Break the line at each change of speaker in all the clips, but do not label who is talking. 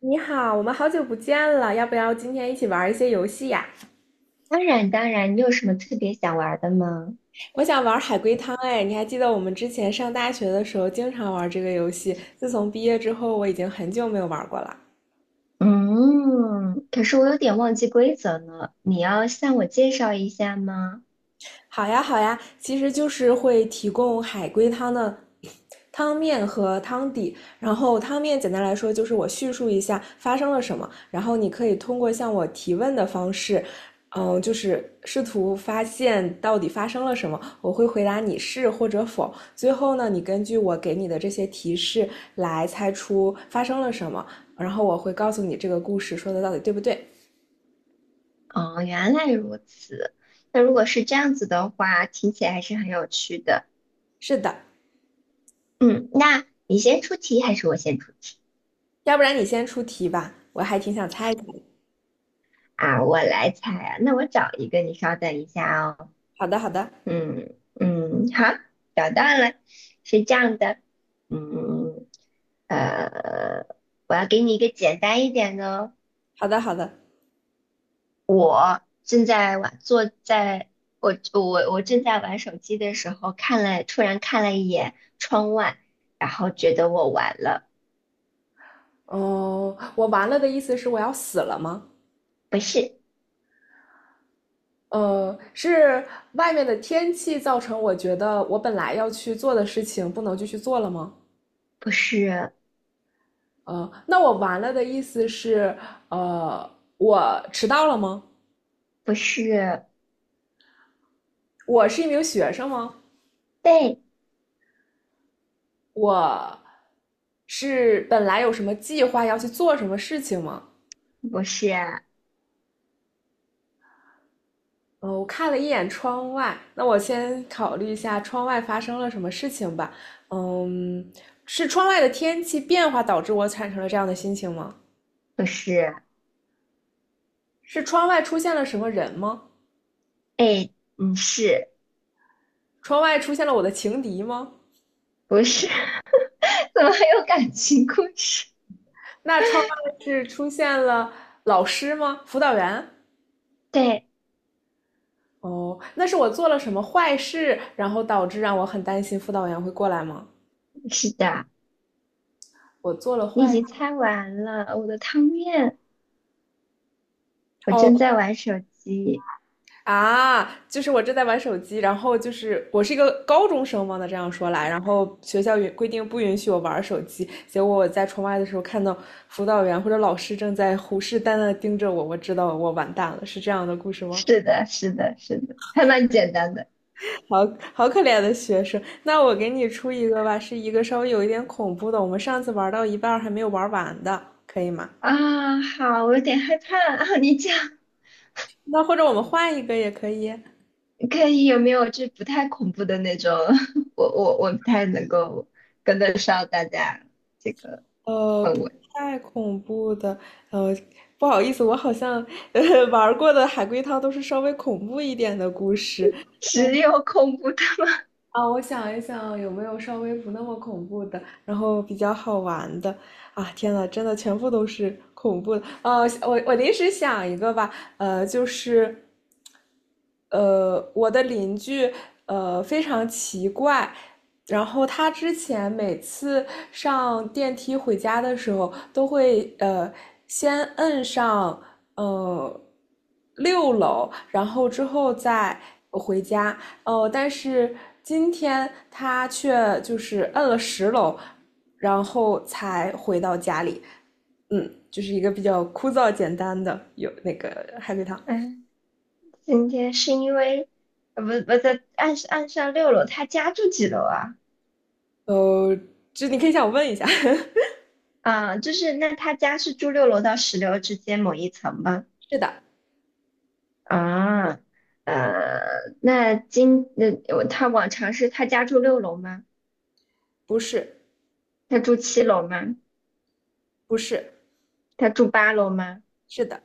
你好，我们好久不见了，要不要今天一起玩一些游戏呀？
当然，当然，你有什么特别想玩儿的吗？
我想玩海龟汤，哎，你还记得我们之前上大学的时候经常玩这个游戏？自从毕业之后，我已经很久没有玩过了。
嗯，可是我有点忘记规则了，你要向我介绍一下吗？
好呀，好呀，其实就是会提供海龟汤的汤面和汤底。然后汤面简单来说就是我叙述一下发生了什么，然后你可以通过向我提问的方式，嗯，就是试图发现到底发生了什么。我会回答你是或者否。最后呢，你根据我给你的这些提示来猜出发生了什么，然后我会告诉你这个故事说的到底对不对。
哦，原来如此。那如果是这样子的话，听起来还是很有趣的。
是的，
嗯，那你先出题还是我先出题？
要不然你先出题吧，我还挺想猜一猜。
啊？我来猜啊。那我找一个，你稍等一下哦。
好的，好的。
嗯嗯，好，找到了，是这样的。嗯，呃，我要给你一个简单一点的哦。
好的，好的。
正在玩，坐在我正在玩手机的时候，突然看了一眼窗外，然后觉得我完了。
哦，我完了的意思是我要死了吗？
不是。
是外面的天气造成我觉得我本来要去做的事情不能继续做了吗？
不是。
那我完了的意思是，呃，我迟到了吗？
不是。
我是一名学生吗？
被，
我是本来有什么计划要去做什么事情吗？
不是。
哦，我看了一眼窗外，那我先考虑一下窗外发生了什么事情吧。嗯，是窗外的天气变化导致我产生了这样的心情吗？
不是。
是窗外出现了什么人吗？
哎，嗯，是
窗外出现了我的情敌吗？
不是？怎么还有感情故事？
那窗外是出现了老师吗？辅导员？
对，
哦，那是我做了什么坏事，然后导致让我很担心辅导员会过来吗？
是的，
我做了
你已
坏，
经猜完了我的汤面，
哦。事。
我正
哦
在玩手机。
啊，就是我正在玩手机，然后就是我是一个高中生嘛，那这样说来，然后学校允规定不允许我玩手机，结果我在窗外的时候看到辅导员或者老师正在虎视眈眈地盯着我，我知道我完蛋了，是这样的故事吗？
是的，是的，是的，还蛮简单的。
好好可怜的学生，那我给你出一个吧，是一个稍微有一点恐怖的，我们上次玩到一半儿还没有玩完的，可以吗？
啊，好，我有点害怕啊。你讲。
那或者我们换一个也可以。
可以，有没有就不太恐怖的那种？我不太能够跟得上大家这个氛
不
围。
太恐怖的，呃，不好意思，我好像呃玩儿过的海龟汤都是稍微恐怖一点的故事。嗯
只有恐怖的吗？
啊，我想一想有没有稍微不那么恐怖的，然后比较好玩的。啊，天呐，真的全部都是恐怖的。我临时想一个吧，就是我的邻居非常奇怪，然后他之前每次上电梯回家的时候，都会先摁上呃六楼，然后之后再回家。哦，但是今天他却就是摁了十楼，然后才回到家里。嗯，就是一个比较枯燥简单的有那个海龟汤。
嗯，今天是因为不不在岸上岸上六楼，他家住几楼啊？
呃，这你可以向我问一下。
啊，就是那他家是住六楼到十楼之间某一层吗？
是的，
啊，呃，那今那我他往常是他家住六楼吗？
不是，
他住七楼吗？
不是，
他住八楼吗？
是的，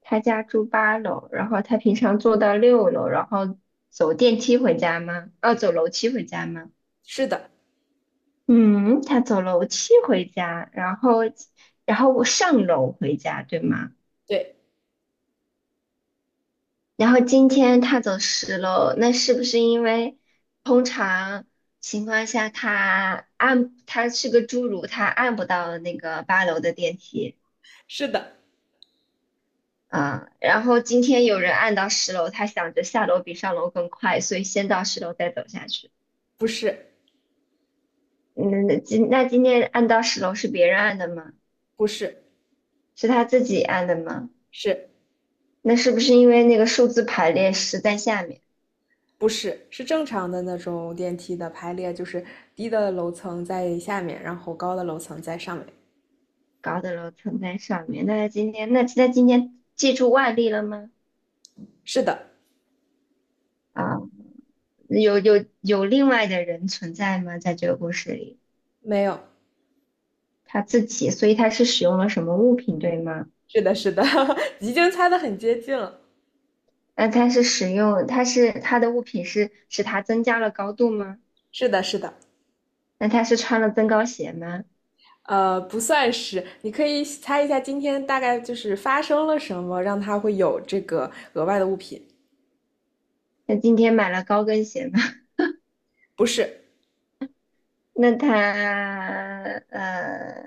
他家住八楼，然后他平常坐到六楼，然后走电梯回家吗？哦，走楼梯回家吗？
是的，
嗯，他走楼梯回家，然后，然后我上楼回家，对吗？
对，
然后今天他走十楼，那是不是因为通常情况下他按，他是个侏儒，他按不到那个八楼的电梯？
是的，
啊，然后今天有人按到十楼，他想着下楼比上楼更快，所以先到十楼再走下去。
不是，
嗯，那今天按到十楼是别人按的吗？
不是，
是他自己按的吗？
是。
那是不是因为那个数字排列十在下面，
不是，是正常的那种电梯的排列，就是低的楼层在下面，然后高的楼层在上面。
高的楼层在上面？那他今天借助外力了吗？
是的，
啊，有另外的人存在吗？在这个故事里，
没有，
他自己，所以他是使用了什么物品，对吗？
是的，是的，已经猜的很接近了。
那它是使用，它是它的物品是使它增加了高度吗？
是的，是的，
那它是穿了增高鞋吗？
不算是，你可以猜一下今天大概就是发生了什么，让它会有这个额外的物品。
那今天买了高跟鞋吗？
不是，
那它呃，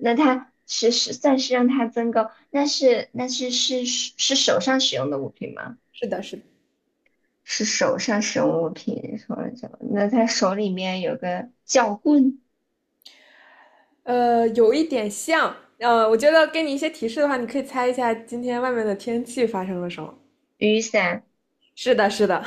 那它是算是让它增高，那是手上使用的物品吗？
是的，是的。
是手上使用物品，说了什么？那他手里面有个撬棍、
有一点像，我觉得给你一些提示的话，你可以猜一下今天外面的天气发生了什么。
雨伞
是的，是的，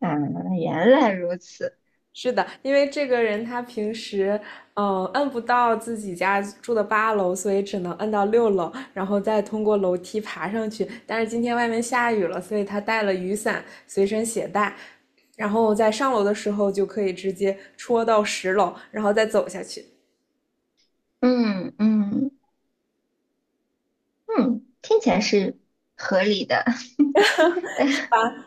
啊，原来如此。
是的，因为这个人他平时，嗯、摁不到自己家住的8楼，所以只能摁到六楼，然后再通过楼梯爬上去。但是今天外面下雨了，所以他带了雨伞随身携带，然后在上楼的时候就可以直接戳到十楼，然后再走下去。
嗯嗯。嗯，听起来是合理的。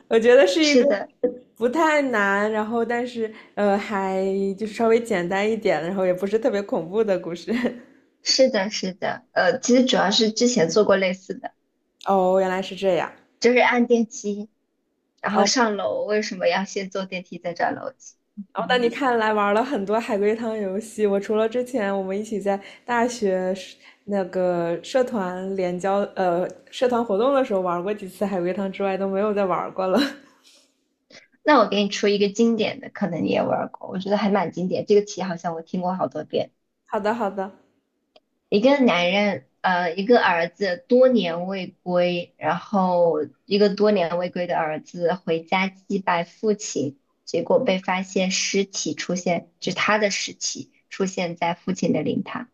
我觉得 是一个
是的，
不太难，然后但是还就是稍微简单一点，然后也不是特别恐怖的故事。
是的，是的。其实主要是之前做过类似的，
哦，原来是这样。
就是按电梯，然后
哦，
上楼，为什么要先坐电梯再转楼梯？
哦，那
嗯，
你看来玩了很多海龟汤游戏。我除了之前我们一起在大学社那个社团联交社团活动的时候玩过几次海龟汤之外，都没有再玩过了。
那我给你出一个经典的，可能你也玩儿过，我觉得还蛮经典。这个题好像我听过好多遍。
好的，好的。
一个男人，一个儿子多年未归，然后一个多年未归的儿子回家祭拜父亲，结果被发现尸体出现，就他的尸体出现在父亲的灵堂。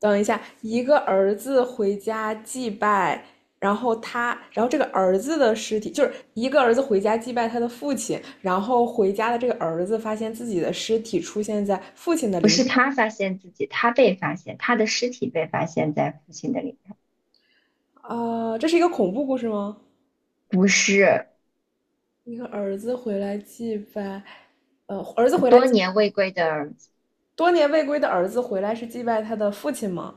等一下，一个儿子回家祭拜，然后他，然后这个儿子的尸体，就是一个儿子回家祭拜他的父亲，然后回家的这个儿子发现自己的尸体出现在父亲的
不
灵
是
堂。
他发现自己，他被发现，他的尸体被发现在父亲的灵堂。
啊、这是一个恐怖故事吗？
不是。
一个儿子回来祭拜，儿子回来，
多年未归的儿子，
多年未归的儿子回来是祭拜他的父亲吗？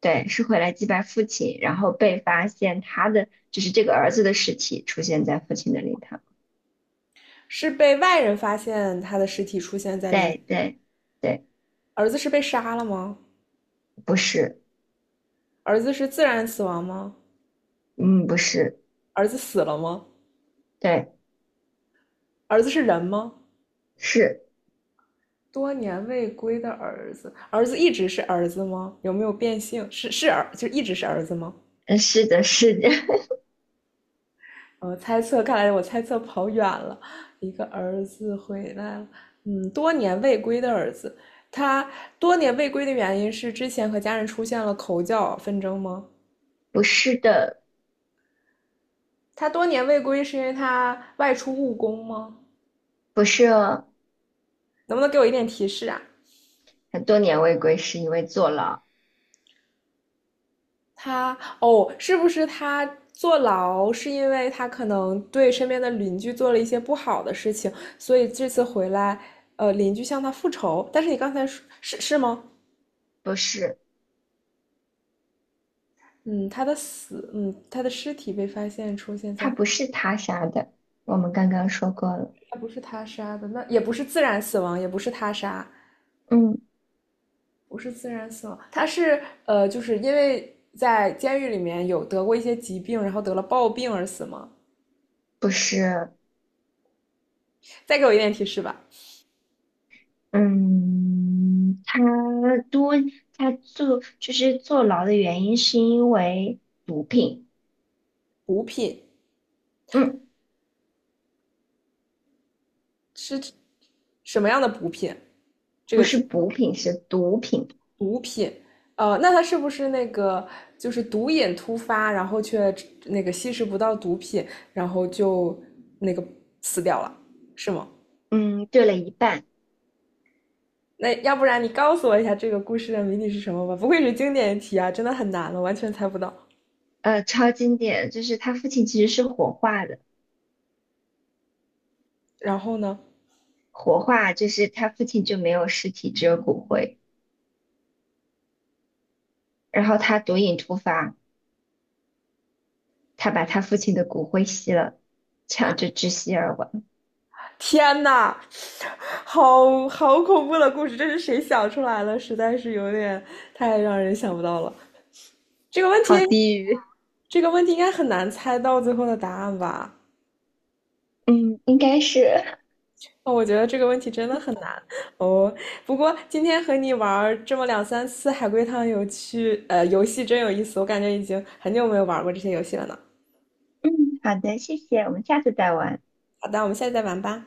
对，是回来祭拜父亲，然后被发现他的，就是这个儿子的尸体出现在父亲的灵堂。
是被外人发现他的尸体出现在灵堂，
对对。对。
儿子是被杀了吗？
不是。
儿子是自然死亡吗？
嗯，不是。
儿子死了吗？
对。
儿子是人吗？
是。
多年未归的儿子，儿子一直是儿子吗？有没有变性？是是儿，就一直是儿子吗？
嗯，是的，是的。
猜测，看来我猜测跑远了。一个儿子回来了，嗯，多年未归的儿子，他多年未归的原因是之前和家人出现了口角纷争吗？
不是的。
他多年未归是因为他外出务工吗？
不是哦。
能不能给我一点提示啊？
很多年未归是因为坐牢。
他哦，是不是他坐牢是因为他可能对身边的邻居做了一些不好的事情，所以这次回来，邻居向他复仇。但是你刚才说是是吗？
不是，
嗯，他的死，嗯，他的尸体被发现出现
他
在，
不是他杀的，我们刚刚说过了。
他不是他杀的，那也不是自然死亡，也不是他杀，
嗯，
不是自然死亡，他是就是因为在监狱里面有得过一些疾病，然后得了暴病而死吗？
不是。
再给我一点提示吧。
嗯，多，他坐，就是坐牢的原因是因为毒品。
补品
嗯，
是什么样的补品？这
不
个
是
题，
补品，是毒品。
毒品，那他是不是那个就是毒瘾突发，然后却那个吸食不到毒品，然后就那个死掉了，是吗？
嗯，对了一半。
那要不然你告诉我一下这个故事的谜底是什么吧？不愧是经典题啊，真的很难了，完全猜不到。
超经典，就是他父亲其实是火化的。
然后呢？
活化就是他父亲就没有尸体，只有骨灰。然后他毒瘾突发，他把他父亲的骨灰吸了，这样就窒息而亡。
天呐，好好恐怖的故事，这是谁想出来了？实在是有点太让人想不到了。这个问题，
好低狱。
这个问题应该很难猜到最后的答案吧？
嗯，应该是。
哦，我觉得这个问题真的很难哦。不过今天和你玩儿这么两三次海龟汤有趣，游戏真有意思，我感觉已经很久没有玩过这些游戏了呢。
嗯，好的，谢谢，我们下次再玩。
好的，我们下次再玩吧。